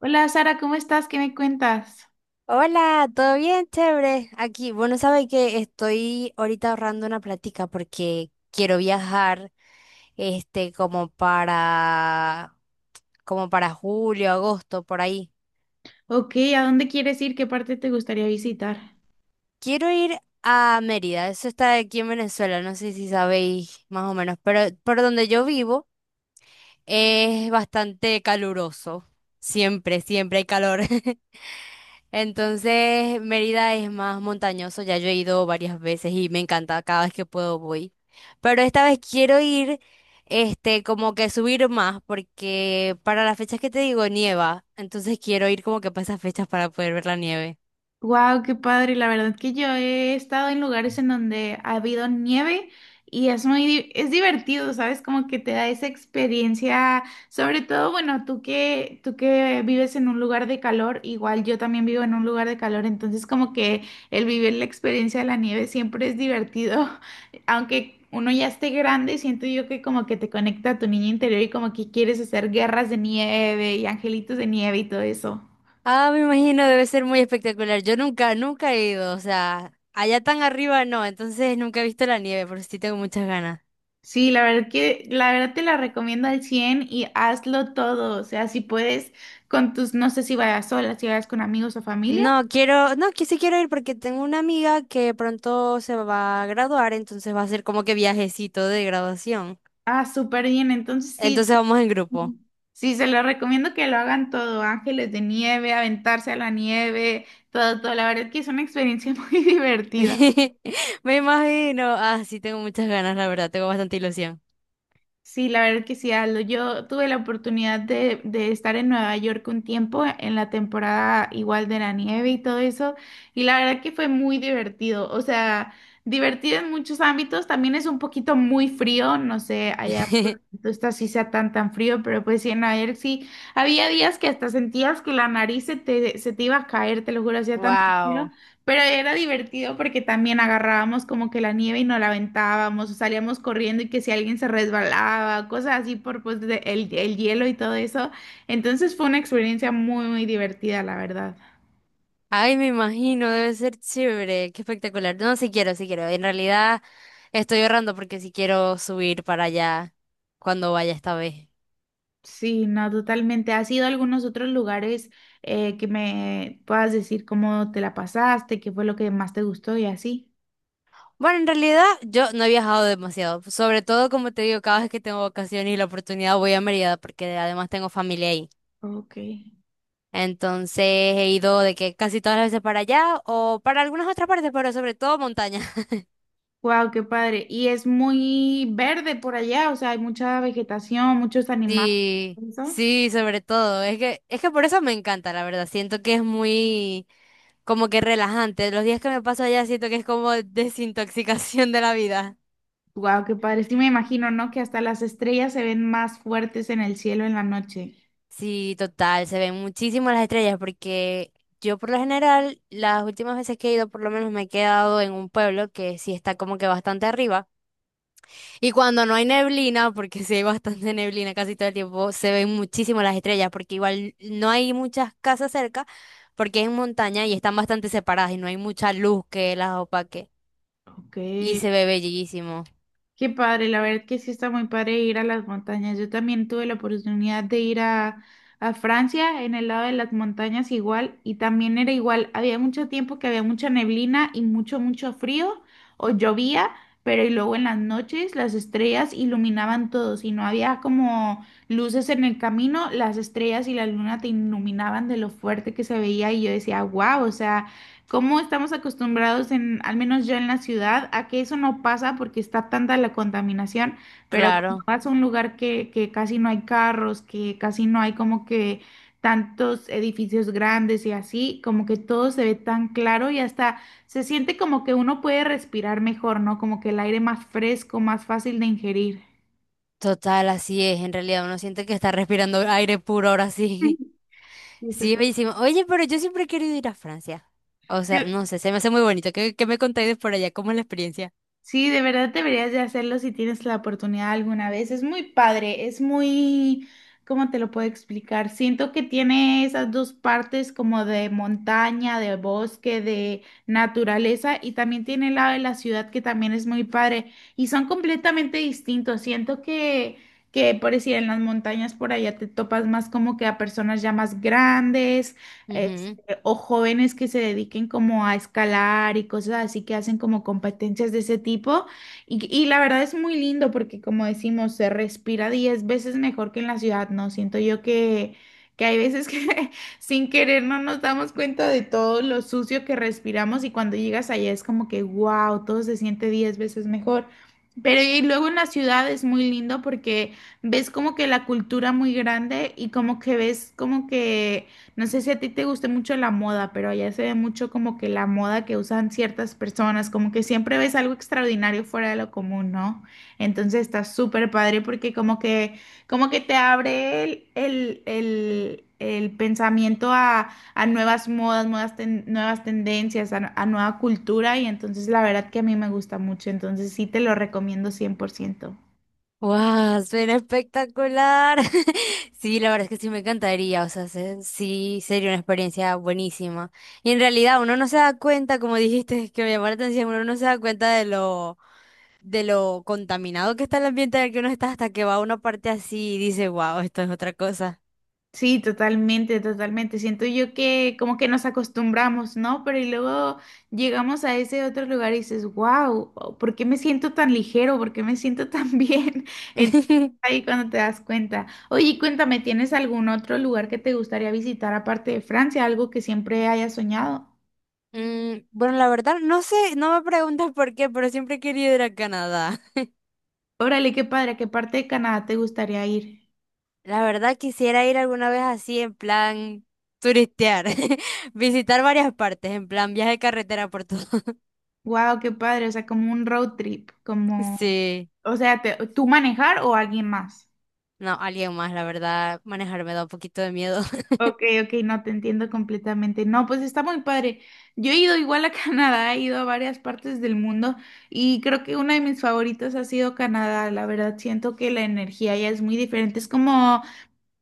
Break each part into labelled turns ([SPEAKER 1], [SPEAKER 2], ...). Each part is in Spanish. [SPEAKER 1] Hola Sara, ¿cómo estás? ¿Qué me cuentas?
[SPEAKER 2] Hola, ¿todo bien? Chévere. Aquí, bueno, sabe que estoy ahorita ahorrando una platica porque quiero viajar, como para, como para julio, agosto, por ahí.
[SPEAKER 1] Ok, ¿a dónde quieres ir? ¿Qué parte te gustaría visitar?
[SPEAKER 2] Quiero ir a Mérida, eso está aquí en Venezuela, no sé si sabéis más o menos, pero por donde yo vivo es bastante caluroso. Siempre, siempre hay calor. Entonces, Mérida es más montañoso, ya yo he ido varias veces y me encanta, cada vez que puedo voy. Pero esta vez quiero ir, como que subir más, porque para las fechas que te digo nieva, entonces quiero ir como que para esas fechas para poder ver la nieve.
[SPEAKER 1] Wow, qué padre. La verdad que yo he estado en lugares en donde ha habido nieve y es muy, es divertido, ¿sabes? Como que te da esa experiencia, sobre todo, bueno, tú que vives en un lugar de calor, igual yo también vivo en un lugar de calor, entonces como que el vivir la experiencia de la nieve siempre es divertido, aunque uno ya esté grande, siento yo que como que te conecta a tu niño interior y como que quieres hacer guerras de nieve y angelitos de nieve y todo eso.
[SPEAKER 2] Ah, me imagino, debe ser muy espectacular. Yo nunca, nunca he ido, o sea, allá tan arriba no, entonces nunca he visto la nieve, pero sí tengo muchas ganas.
[SPEAKER 1] Sí, la verdad que la verdad te la recomiendo al 100 y hazlo todo, o sea, si puedes con tus, no sé si vayas sola, si vayas con amigos o familia.
[SPEAKER 2] No, quiero, no, que sí quiero ir porque tengo una amiga que pronto se va a graduar, entonces va a ser como que viajecito de graduación.
[SPEAKER 1] Ah, súper bien, entonces sí,
[SPEAKER 2] Entonces vamos en grupo.
[SPEAKER 1] sí, se lo recomiendo que lo hagan todo, ángeles de nieve, aventarse a la nieve, todo, todo, la verdad que es una experiencia muy divertida.
[SPEAKER 2] Me imagino. Ah, sí, tengo muchas ganas, la verdad, tengo bastante ilusión.
[SPEAKER 1] Sí, la verdad que sí, Aldo. Yo tuve la oportunidad de estar en Nueva York un tiempo, en la temporada igual de la nieve y todo eso, y la verdad que fue muy divertido. O sea, divertido en muchos ámbitos, también es un poquito muy frío, no sé, allá por donde tú estás sí sea tan tan frío, pero pues sí, en Nueva York sí, había días que hasta sentías que la nariz se te iba a caer, te lo juro, hacía tanto frío.
[SPEAKER 2] Wow.
[SPEAKER 1] Pero era divertido porque también agarrábamos como que la nieve y nos la aventábamos, o salíamos corriendo y que si alguien se resbalaba, cosas así por pues el hielo y todo eso. Entonces fue una experiencia muy, muy divertida, la verdad.
[SPEAKER 2] Ay, me imagino, debe ser chévere, qué espectacular. No, sí quiero, sí quiero. En realidad estoy ahorrando porque sí quiero subir para allá cuando vaya esta vez.
[SPEAKER 1] Sí, no, totalmente. ¿Has ido a algunos otros lugares que me puedas decir cómo te la pasaste, qué fue lo que más te gustó y así?
[SPEAKER 2] Bueno, en realidad yo no he viajado demasiado, sobre todo como te digo, cada vez que tengo vacaciones y la oportunidad voy a Mérida porque además tengo familia ahí.
[SPEAKER 1] Ok.
[SPEAKER 2] Entonces he ido de que casi todas las veces para allá o para algunas otras partes, pero sobre todo montaña.
[SPEAKER 1] Wow, qué padre. Y es muy verde por allá, o sea, hay mucha vegetación, muchos animales.
[SPEAKER 2] Sí,
[SPEAKER 1] ¿Eso?
[SPEAKER 2] sí, sobre todo. Es que por eso me encanta, la verdad. Siento que es muy como que relajante. Los días que me paso allá siento que es como desintoxicación de la vida.
[SPEAKER 1] Wow, qué padre. Sí me imagino, ¿no? Que hasta las estrellas se ven más fuertes en el cielo en la noche.
[SPEAKER 2] Sí, total, se ven muchísimo las estrellas porque yo por lo general las últimas veces que he ido por lo menos me he quedado en un pueblo que sí está como que bastante arriba y cuando no hay neblina, porque sí hay bastante neblina casi todo el tiempo, se ven muchísimo las estrellas porque igual no hay muchas casas cerca porque es en montaña y están bastante separadas y no hay mucha luz que las opaque
[SPEAKER 1] Ok.
[SPEAKER 2] y se ve bellísimo,
[SPEAKER 1] Qué padre, la verdad que sí está muy padre ir a las montañas. Yo también tuve la oportunidad de ir a Francia, en el lado de las montañas igual, y también era igual. Había mucho tiempo que había mucha neblina y mucho, mucho frío, o llovía, pero y luego en las noches las estrellas iluminaban todo. Si no había como luces en el camino, las estrellas y la luna te iluminaban de lo fuerte que se veía y yo decía, wow, o sea... ¿Cómo estamos acostumbrados en, al menos yo en la ciudad, a que eso no pasa porque está tanta la contaminación? Pero cuando
[SPEAKER 2] claro,
[SPEAKER 1] vas a un lugar que casi no hay carros, que casi no hay como que tantos edificios grandes y así, como que todo se ve tan claro y hasta se siente como que uno puede respirar mejor, ¿no? Como que el aire más fresco, más fácil de ingerir.
[SPEAKER 2] total, así es, en realidad uno siente que está respirando aire puro ahora sí.
[SPEAKER 1] Sí,
[SPEAKER 2] Sí,
[SPEAKER 1] total.
[SPEAKER 2] bellísimo. Oye, pero yo siempre he querido ir a Francia. O sea, no sé, se me hace muy bonito. ¿Qué, qué me contáis de por allá? ¿Cómo es la experiencia?
[SPEAKER 1] Sí, de verdad deberías de hacerlo si tienes la oportunidad alguna vez. Es muy padre, es muy, ¿cómo te lo puedo explicar? Siento que tiene esas dos partes como de montaña, de bosque, de naturaleza y también tiene el lado de la ciudad que también es muy padre y son completamente distintos. Siento que por decir, en las montañas por allá te topas más como que a personas ya más grandes eh,
[SPEAKER 2] Ujú.
[SPEAKER 1] o jóvenes que se dediquen como a escalar y cosas así que hacen como competencias de ese tipo. Y la verdad es muy lindo porque como decimos, se respira 10 veces mejor que en la ciudad, ¿no? Siento yo que hay veces que sin querer no nos damos cuenta de todo lo sucio que respiramos y cuando llegas allá es como que, wow, todo se siente 10 veces mejor. Pero y luego en la ciudad es muy lindo porque ves como que la cultura muy grande y como que ves como que no sé si a ti te guste mucho la moda, pero allá se ve mucho como que la moda que usan ciertas personas, como que siempre ves algo extraordinario fuera de lo común, ¿no? Entonces está súper padre porque como que te abre el pensamiento a nuevas modas, nuevas, nuevas tendencias, a nueva cultura y entonces la verdad que a mí me gusta mucho, entonces sí te lo recomiendo cien por ciento.
[SPEAKER 2] ¡Wow! Suena espectacular. Sí, la verdad es que sí me encantaría. O sea, sí, sería una experiencia buenísima. Y en realidad uno no se da cuenta, como dijiste, que me llamó la atención, uno no se da cuenta de lo contaminado que está el ambiente en el que uno está hasta que va a una parte así y dice, wow, esto es otra cosa.
[SPEAKER 1] Sí, totalmente, totalmente. Siento yo que como que nos acostumbramos, ¿no? Pero y luego llegamos a ese otro lugar y dices, wow, ¿por qué me siento tan ligero? ¿Por qué me siento tan bien? Entonces, ahí cuando te das cuenta. Oye, y cuéntame, ¿tienes algún otro lugar que te gustaría visitar aparte de Francia? Algo que siempre hayas soñado.
[SPEAKER 2] Mm, bueno, la verdad, no sé, no me preguntas por qué, pero siempre he querido ir a Canadá.
[SPEAKER 1] Órale, qué padre, ¿a qué parte de Canadá te gustaría ir?
[SPEAKER 2] La verdad, quisiera ir alguna vez así, en plan turistear, visitar varias partes, en plan viaje de carretera por todo.
[SPEAKER 1] Wow, qué padre, o sea, como un road trip, como,
[SPEAKER 2] Sí,
[SPEAKER 1] o sea, ¿tú manejar o alguien más?
[SPEAKER 2] no, alguien más, la verdad, manejar me da un poquito de miedo.
[SPEAKER 1] Ok, ok, no te entiendo completamente. No, pues está muy padre. Yo he ido igual a Canadá, he ido a varias partes del mundo y creo que una de mis favoritas ha sido Canadá. La verdad, siento que la energía ya es muy diferente.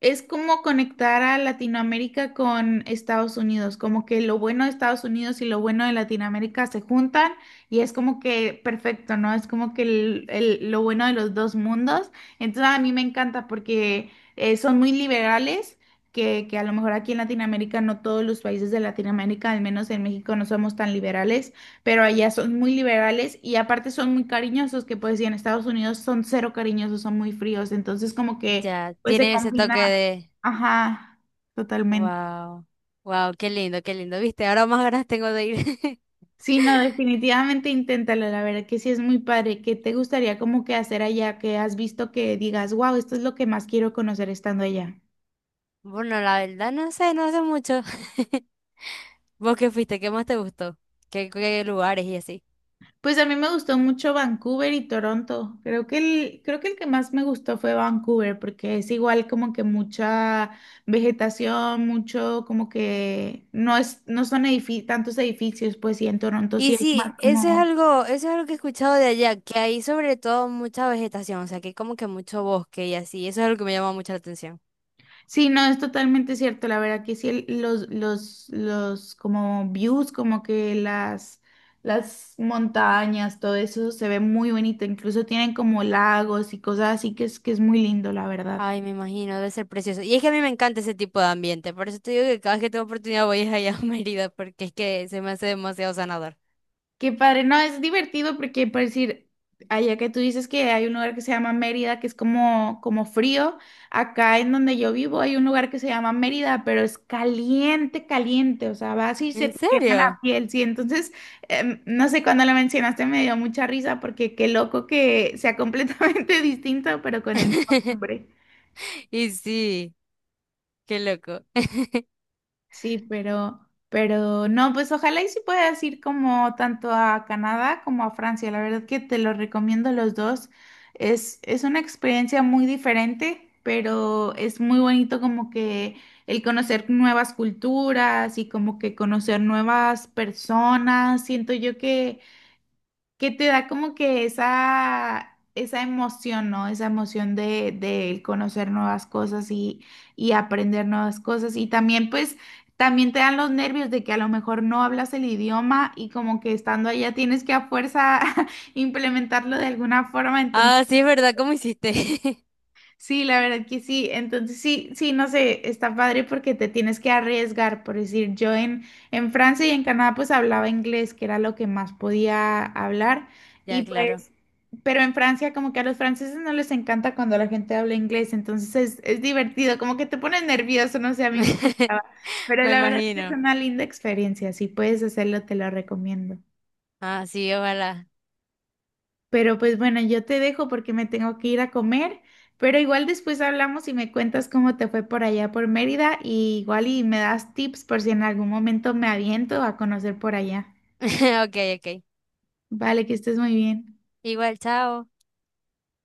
[SPEAKER 1] Es como conectar a Latinoamérica con Estados Unidos, como que lo bueno de Estados Unidos y lo bueno de Latinoamérica se juntan y es como que perfecto, ¿no? Es como que el- lo bueno de los dos mundos. Entonces a mí me encanta porque son muy liberales, que a lo mejor aquí en Latinoamérica, no todos los países de Latinoamérica, al menos en México no somos tan liberales, pero allá son muy liberales y aparte son muy cariñosos, que pues y en Estados Unidos son cero cariñosos, son muy fríos. Entonces como que...
[SPEAKER 2] Ya,
[SPEAKER 1] Pues se
[SPEAKER 2] tiene ese toque
[SPEAKER 1] combina,
[SPEAKER 2] de,
[SPEAKER 1] ajá, totalmente.
[SPEAKER 2] wow, wow, qué lindo, viste, ahora más ganas tengo de ir.
[SPEAKER 1] Sí, no, definitivamente inténtalo, la verdad que sí es muy padre. ¿Qué te gustaría como que hacer allá? ¿que has visto que digas, wow, esto es lo que más quiero conocer estando allá?
[SPEAKER 2] Bueno, la verdad, no sé, no sé mucho. ¿Vos qué fuiste? ¿Qué más te gustó? ¿Qué, qué lugares y así?
[SPEAKER 1] Pues a mí me gustó mucho Vancouver y Toronto. Creo que el que más me gustó fue Vancouver, porque es igual como que mucha vegetación, mucho como que no es, no son tantos edificios, pues sí, en Toronto sí
[SPEAKER 2] Y
[SPEAKER 1] es
[SPEAKER 2] sí,
[SPEAKER 1] más como...
[SPEAKER 2] eso es algo que he escuchado de allá, que hay sobre todo mucha vegetación, o sea, que hay como que mucho bosque y así, eso es algo que me llama mucho la atención.
[SPEAKER 1] Sí, no, es totalmente cierto. La verdad que sí, los como views, como que las montañas, todo eso se ve muy bonito. Incluso tienen como lagos y cosas así que es muy lindo, la verdad.
[SPEAKER 2] Ay, me imagino, debe ser precioso. Y es que a mí me encanta ese tipo de ambiente, por eso te digo que cada vez que tengo oportunidad voy a allá a Mérida, porque es que se me hace demasiado sanador.
[SPEAKER 1] Qué padre, no, es divertido porque, por decir, allá que tú dices que hay un lugar que se llama Mérida, que es como, como frío, acá en donde yo vivo hay un lugar que se llama Mérida, pero es caliente, caliente, o sea, vas y se
[SPEAKER 2] ¿En
[SPEAKER 1] te quema la
[SPEAKER 2] serio?
[SPEAKER 1] piel, sí, entonces, no sé, cuando lo mencionaste me dio mucha risa porque qué loco que sea completamente distinto, pero con el mismo nombre.
[SPEAKER 2] Y sí, qué loco.
[SPEAKER 1] Sí, pero no, pues ojalá y sí puedas ir como tanto a Canadá como a Francia. La verdad que te lo recomiendo los dos. Es una experiencia muy diferente, pero es muy bonito como que el conocer nuevas culturas y como que conocer nuevas personas. Siento yo que te da como que esa emoción, ¿no? Esa emoción de conocer nuevas cosas y aprender nuevas cosas. Y también, pues, también te dan los nervios de que a lo mejor no hablas el idioma y como que estando allá tienes que a fuerza implementarlo de alguna forma.
[SPEAKER 2] Ah, sí, es verdad, ¿cómo hiciste?
[SPEAKER 1] Sí, la verdad que sí. Entonces sí, sí, no sé, está padre porque te tienes que arriesgar, por decir, yo en Francia y en Canadá pues hablaba inglés, que era lo que más podía hablar, y
[SPEAKER 2] Ya, claro.
[SPEAKER 1] pues, pero en Francia como que a los franceses no les encanta cuando la gente habla inglés, entonces es divertido, como que te pones nervioso, no sé, a mí me pasaba, pero
[SPEAKER 2] Me
[SPEAKER 1] la verdad que es
[SPEAKER 2] imagino.
[SPEAKER 1] una linda experiencia, si puedes hacerlo, te lo recomiendo.
[SPEAKER 2] Ah, sí, ojalá.
[SPEAKER 1] Pero pues bueno, yo te dejo porque me tengo que ir a comer, pero igual después hablamos y me cuentas cómo te fue por allá por Mérida y igual y me das tips por si en algún momento me aviento a conocer por allá.
[SPEAKER 2] Ok, ok.
[SPEAKER 1] Vale, que estés muy bien.
[SPEAKER 2] Igual, chao.